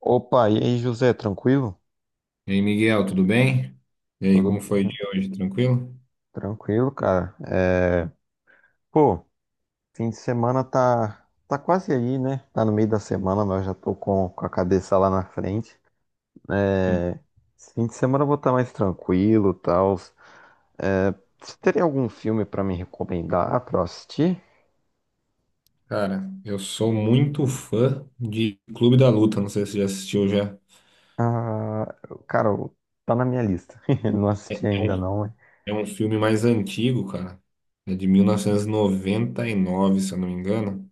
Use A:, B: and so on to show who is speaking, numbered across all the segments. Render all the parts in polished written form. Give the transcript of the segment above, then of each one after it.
A: Opa, e aí, José, tranquilo?
B: E aí, Miguel, tudo bem? E aí,
A: Tudo
B: como foi o
A: bem?
B: dia hoje? Tranquilo?
A: Tranquilo, cara. Pô, fim de semana tá quase aí, né? Tá no meio da semana, mas eu já tô com a cabeça lá na frente.
B: Hum.
A: É, esse fim de semana eu vou estar mais tranquilo, tal. É, você teria algum filme pra me recomendar pra eu assistir?
B: Cara, eu sou muito fã de Clube da Luta, não sei se você já assistiu já.
A: Ah, cara, tá na minha lista. Não assisti
B: É
A: ainda
B: um,
A: não, mas...
B: é um filme mais antigo, cara. É de mil novecentos e noventa e nove, se eu não me engano.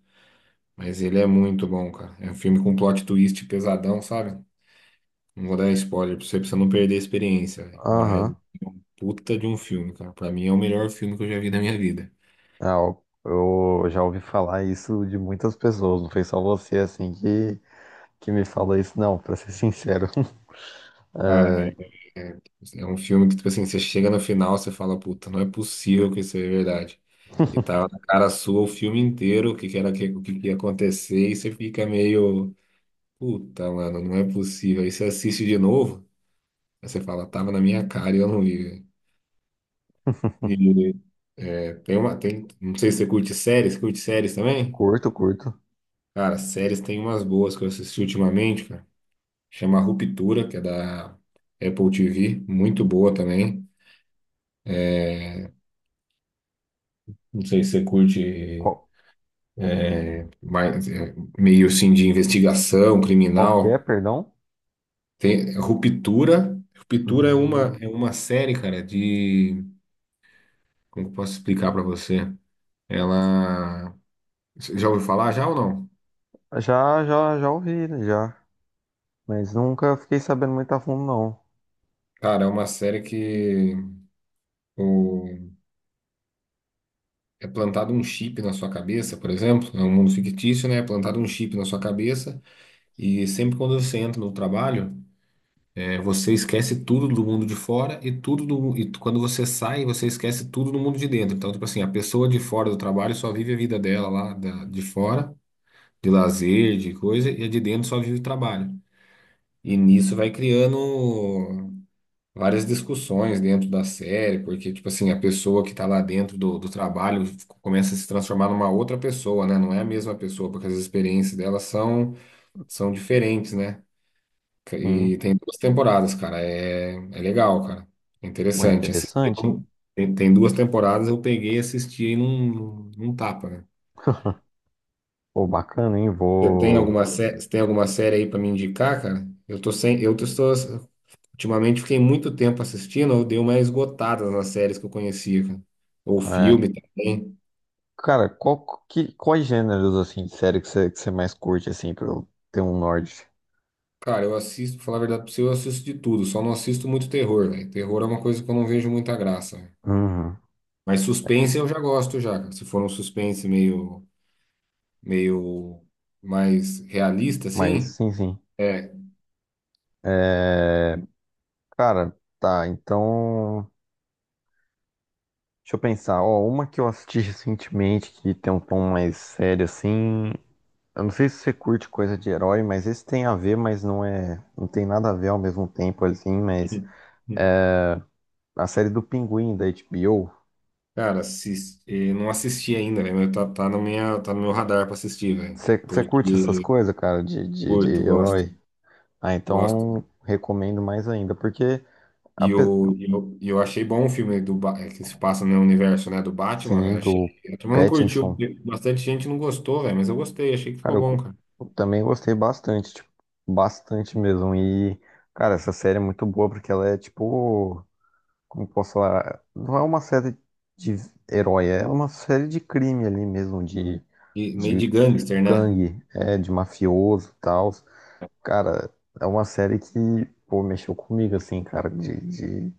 B: Mas ele é muito bom, cara. É um filme com plot twist pesadão, sabe? Não vou dar spoiler pra você não perder a experiência, velho. Mas
A: Aham.
B: puta de um filme, cara. Pra mim é o melhor filme que eu já vi na minha vida.
A: Ah, eu já ouvi falar isso de muitas pessoas, não foi só você, assim, que me fala isso, não, pra ser sincero.
B: Cara,
A: É,
B: é, é, é um filme que, tipo assim, você chega no final, você fala, puta, não é possível que isso é verdade. E tava na cara sua o filme inteiro, o que que era, o que que ia acontecer, e você fica meio, puta, mano, não é possível. Aí você assiste de novo, aí você fala, tava na minha cara e eu não vi. Velho. E é, não sei se você curte séries também?
A: curto, curto.
B: Cara, séries tem umas boas que eu assisti ultimamente, cara. Chama Ruptura, que é da Apple TV, muito boa também. Não sei se você curte
A: Qual,
B: mais, é, meio assim de investigação
A: qual que é,
B: criminal.
A: perdão?
B: Tem Ruptura. É
A: Hum,
B: uma série, cara, de. Como que eu posso explicar pra você? Ela. Você já ouviu falar já ou não?
A: já, já, já ouvi, né, já. Mas nunca fiquei sabendo muito a fundo, não.
B: Cara, é uma série que o... é plantado um chip na sua cabeça, por exemplo. É um mundo fictício, né? É plantado um chip na sua cabeça. E sempre quando você entra no trabalho. É. Você esquece tudo do mundo de fora e tudo do, e quando você sai, você esquece tudo do mundo de dentro. Então, tipo assim, a pessoa de fora do trabalho só vive a vida dela lá de fora, de lazer, de coisa, e a de dentro só vive o trabalho. E nisso vai criando várias discussões dentro da série, porque, tipo assim, a pessoa que tá lá dentro do trabalho começa a se transformar numa outra pessoa, né? Não é a mesma pessoa, porque as experiências delas são diferentes, né?
A: Sim.
B: E tem 2 temporadas, cara. É legal, cara. É
A: Pô,
B: interessante. Assistir,
A: interessante.
B: não- tem, tem 2 temporadas, eu peguei e assisti aí num tapa, né?
A: Pô, bacana, hein?
B: Você tem
A: Vou.
B: alguma, sé- você tem alguma série aí pra me indicar, cara? Eu tô sem, eu tô, estou- ultimamente fiquei muito tempo assistindo, eu dei uma esgotada nas séries que eu conhecia, cara. Ou
A: é,
B: filme também.
A: cara, quais gêneros, assim, de série que você mais curte, assim, pra eu ter um norte?
B: Cara, eu assisto, pra falar a verdade pra você, eu assisto de tudo, só não assisto muito terror, velho. Terror é uma coisa que eu não vejo muita graça, velho.
A: Uhum.
B: Mas suspense eu já gosto já, cara. Se for um suspense meio mais realista,
A: Mas,
B: assim.
A: sim, sim.
B: É,
A: É, cara, tá, então. Deixa eu pensar, ó, uma que eu assisti recentemente que tem um tom mais sério assim. Eu não sei se você curte coisa de herói, mas esse tem a ver, mas não é, não tem nada a ver ao mesmo tempo assim, mas a série do Pinguim da HBO.
B: cara, não assisti ainda, velho, mas tá no meu radar pra assistir, velho.
A: Você curte essas
B: Porque
A: coisas, cara, de
B: curto,
A: herói? Ah,
B: gosto.
A: então recomendo mais ainda, porque a, pe-
B: E eu achei bom o filme do, que se passa no universo, né, do Batman,
A: sim,
B: velho. Achei,
A: do
B: a turma não curtiu,
A: Pattinson,
B: porque bastante gente não gostou, velho, mas eu gostei, achei que
A: cara,
B: ficou bom, cara.
A: eu também gostei bastante, tipo, bastante mesmo. E, cara, essa série é muito boa porque ela é tipo como posso falar, não é uma série de herói, é uma série de crime ali mesmo,
B: E meio
A: de
B: de gangster, né?
A: gangue, é, de mafioso e tal. Cara, é uma série que, pô, mexeu comigo, assim, cara, de,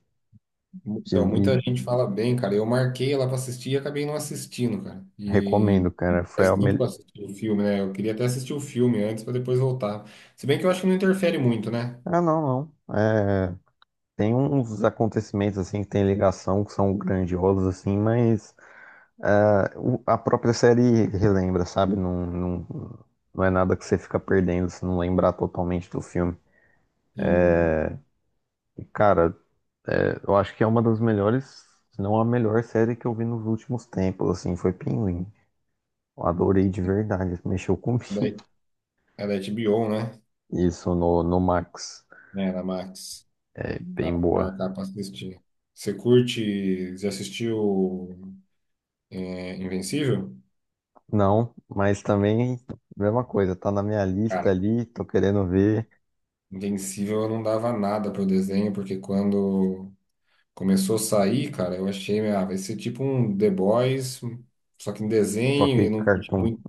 A: de
B: Então, muita
A: me
B: gente fala bem, cara. Eu marquei ela para assistir e acabei não assistindo, cara. E
A: recomendo, cara. Foi
B: faz
A: a
B: tempo que
A: melhor.
B: eu assisti o filme, né? Eu queria até assistir o filme antes para depois voltar. Se bem que eu acho que não interfere muito, né?
A: Ah, não, não. É, tem uns acontecimentos, assim, que tem ligação, que são grandiosos, assim, mas. Ah, a própria série relembra, sabe? Não, não, não é nada que você fica perdendo se não lembrar totalmente do filme.
B: E
A: E, cara, é, eu acho que é uma das melhores, se não a melhor série que eu vi nos últimos tempos, assim, foi Pinguim. Eu adorei de verdade, mexeu comigo.
B: é da é da HBO, né?
A: Isso no, no Max,
B: É, da Max.
A: é
B: Tá,
A: bem
B: vou
A: boa.
B: marcar para assistir. Você curte? Já assistiu é, Invencível?
A: Não, mas também, mesma coisa, tá na minha lista
B: Cara,
A: ali, tô querendo ver,
B: Invencível eu não dava nada pro desenho, porque quando começou a sair, cara, eu achei, ah, vai ser tipo um The Boys, só que em
A: só
B: desenho,
A: que
B: e não curti
A: Cartoon.
B: muito,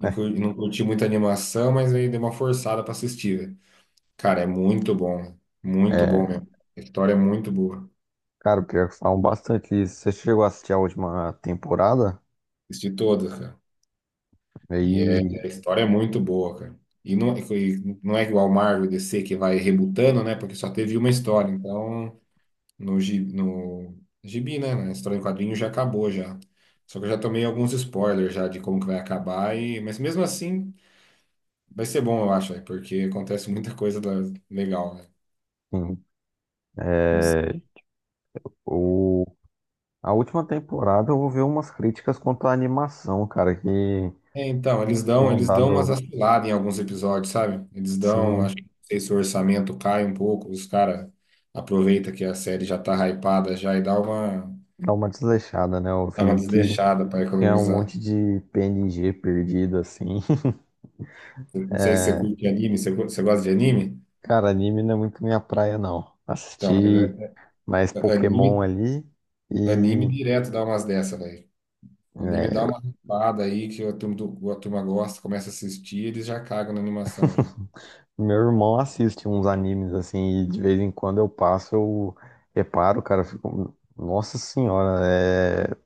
B: e não curti muita animação, mas aí dei uma forçada pra assistir, velho. Cara, é muito bom
A: É,
B: mesmo. A história é muito boa.
A: cara, pior que falam bastante isso. Você chegou a assistir a última temporada?
B: Assisti todas, cara. E é,
A: Aí,
B: a história é muito boa, cara. E não é igual Marvel e DC que vai rebutando, né? Porque só teve uma história, então. No gibi, né? Na história em quadrinho já acabou já. Só que eu já tomei alguns spoilers já de como que vai acabar, e... mas mesmo assim vai ser bom, eu acho, velho, porque acontece muita coisa legal, né?
A: enfim,
B: Não sei.
A: é, o, a última temporada eu ouvi umas críticas quanto à animação, cara, que
B: É, então,
A: tinham
B: eles dão
A: dado,
B: umas vaciladas em alguns episódios, sabe? Eles dão,
A: sim,
B: acho que não sei se o orçamento cai um pouco, os caras aproveita que a série já tá hypada já e
A: dar uma desleixada, né? Eu
B: dá uma
A: vi que
B: desleixada para
A: tinha um
B: economizar.
A: monte de PNG perdido, assim.
B: Eu não sei se você curte anime, você, você gosta de anime?
A: Cara, anime não é muito minha praia, não.
B: Então, mas
A: Assisti
B: é-
A: mais
B: é,
A: Pokémon
B: anime
A: ali
B: anime
A: e.
B: direto dá umas dessa, velho. Anime dá
A: é,
B: uma hypada aí que a turma, a turma gosta, começa a assistir, eles já cagam na animação já.
A: meu irmão assiste uns animes assim, e de vez em quando eu passo, eu reparo, cara, eu fico, nossa senhora, é.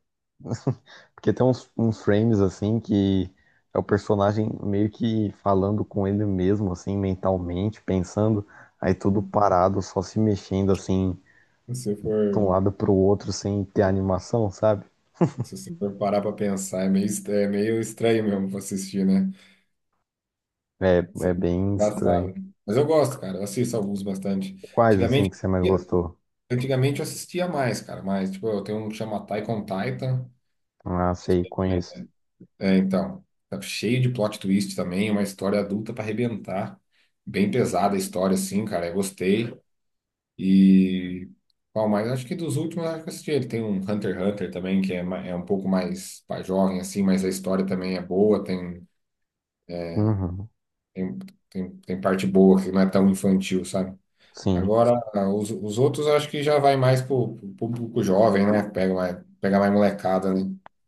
A: Porque tem uns, uns frames assim que é o personagem meio que falando com ele mesmo, assim, mentalmente, pensando, aí tudo parado, só se mexendo assim,
B: Se você
A: de um
B: for,
A: lado pro outro, sem ter animação, sabe?
B: se você for parar pra pensar, é meio, é meio estranho mesmo pra assistir, né?
A: É,
B: Isso é
A: é bem estranho.
B: engraçado. Mas eu gosto, cara. Eu assisto alguns bastante.
A: Quais assim
B: Antigamente,
A: que você mais gostou?
B: antigamente eu assistia mais, cara. Mas, tipo, eu tenho um que chama Attack on Titan.
A: Ah, sei,
B: É,
A: conheço.
B: então. Tá cheio de plot twist também, uma história adulta pra arrebentar. Bem pesada a história, assim, cara. Eu gostei. E qual mais? Acho que dos últimos, acho que eu assisti. Ele tem um Hunter x Hunter também, que é, é um pouco mais para jovem, assim, mas a história também é boa,
A: Uhum,
B: tem, tem parte boa, que não é tão infantil, sabe?
A: sim.
B: Agora, os outros eu acho que já vai mais pro público jovem, né? Pega mais molecada, né?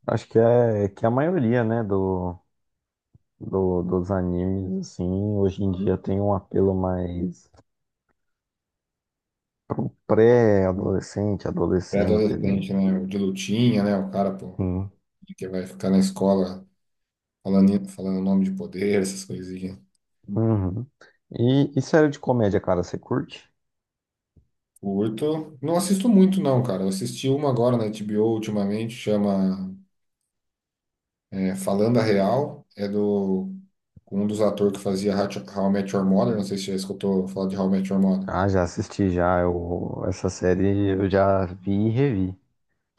A: Acho que é a maioria, né, do. Dos animes, assim, hoje em dia tem um apelo mais pré-adolescente, adolescente ali.
B: Pré-adolescente, né? De lutinha, né? O cara, pô,
A: Sim.
B: que vai ficar na escola falando, falando nome de poder, essas coisas.
A: Uhum. E série de comédia, cara, você curte?
B: Curto. Não assisto muito, não, cara. Eu assisti uma agora na HBO ultimamente, chama é, Falando a Real. É do com um dos atores que fazia How I Met Your Mother. Não sei se já escutou falar de How I Met Your Mother.
A: Ah, já assisti já. Eu, essa série eu já vi e revi.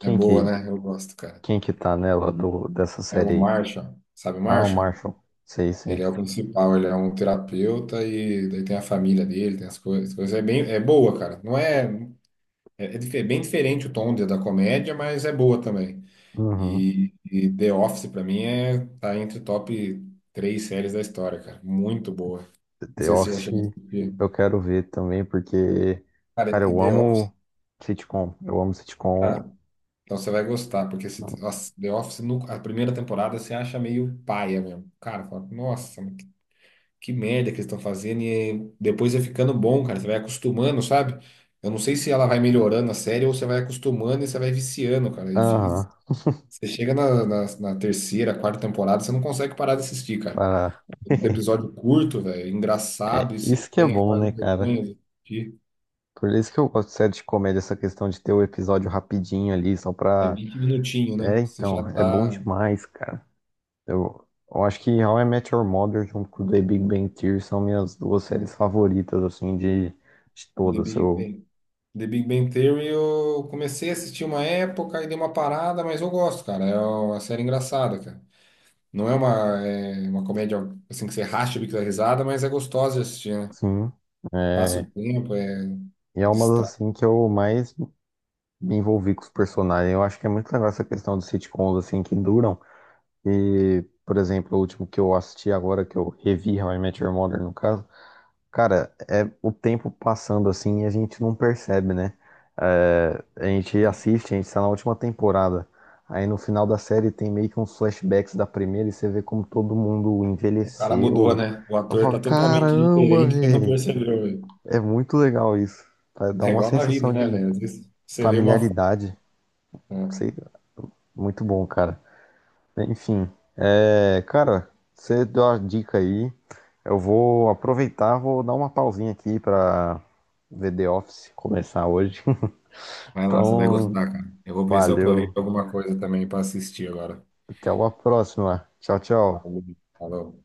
B: É boa,
A: que,
B: né? Eu gosto, cara.
A: quem que tá nela do, dessa
B: É o
A: série aí?
B: Marshall. Sabe o
A: Ah, o
B: Marshall?
A: Marshall. Sei,
B: Ele
A: sei.
B: é o principal, ele é um terapeuta e daí tem a família dele, tem as coisas. As coisas. É bem, é boa, cara. Não é, é, bem diferente o tom da comédia, mas é boa também.
A: Uhum.
B: E The Office, pra mim, é, tá entre top 3 séries da história, cara. Muito boa. Não
A: The
B: sei se você já
A: Office
B: chegou a
A: eu
B: assistir.
A: quero ver também, porque,
B: Cara,
A: cara,
B: e
A: eu
B: The Office.
A: amo sitcom. Eu amo sitcom.
B: Ah, então você vai gostar, porque se, nossa, The Office, no, a primeira temporada, você acha meio paia mesmo. Cara, fala, nossa, mas que merda que eles estão fazendo. E depois vai ficando bom, cara. Você vai acostumando, sabe? Eu não sei se ela vai melhorando a série ou você vai acostumando e você vai viciando, cara. E, fi-
A: Aham.
B: você chega na terceira, quarta temporada, você não consegue parar de assistir, cara.
A: para
B: Um episódio curto, velho,
A: É,
B: engraçado, e você
A: isso que é
B: tem
A: bom,
B: aquela
A: né, cara?
B: vergonha de assistir.
A: Por isso que eu gosto de série de comédia, essa questão de ter o episódio rapidinho ali, só
B: É
A: pra.
B: 20 minutinhos,
A: É,
B: né? Você já
A: então, é bom
B: tá.
A: demais, cara. Eu acho que How I Met Your Mother junto com The Big Bang Theory são minhas duas séries favoritas, assim, de
B: The
A: todas.
B: Big
A: Eu,
B: Bang, The Big Bang Theory, eu comecei a assistir uma época e dei uma parada, mas eu gosto, cara. É uma série engraçada, cara. Não é uma, é uma comédia assim que você racha o bico da risada, mas é gostosa de assistir, né?
A: sim.
B: Passa o
A: É,
B: tempo, é.
A: e é uma
B: Distrai.
A: das, assim, que eu mais me envolvi com os personagens. Eu acho que é muito legal essa questão dos sitcoms, assim, que duram. E, por exemplo, o último que eu assisti agora, que eu revi How I Met Your Mother, no caso. Cara, é o tempo passando assim e a gente não percebe, né? É, a gente
B: Não,
A: assiste, a gente tá na última temporada. Aí no final da série tem meio que uns flashbacks da primeira e você vê como todo mundo
B: o cara mudou,
A: envelheceu.
B: né? O
A: Eu
B: ator
A: falo,
B: tá totalmente
A: caramba,
B: diferente, você não
A: velho.
B: percebeu, velho.
A: É muito legal isso. Tá, dá
B: É
A: uma
B: igual na vida,
A: sensação
B: né,
A: de
B: velho? Às vezes você vê uma foto.
A: familiaridade.
B: Né?
A: Sei, muito bom, cara. Enfim, é, cara, você deu a dica aí. Eu vou aproveitar, vou dar uma pausinha aqui pra ver The Office começar hoje.
B: Vai lá, você vai
A: Então,
B: gostar, cara. Eu vou ver se eu
A: valeu.
B: aproveito alguma coisa também para assistir agora.
A: Até uma próxima. Tchau, tchau.
B: Valeu. Falou.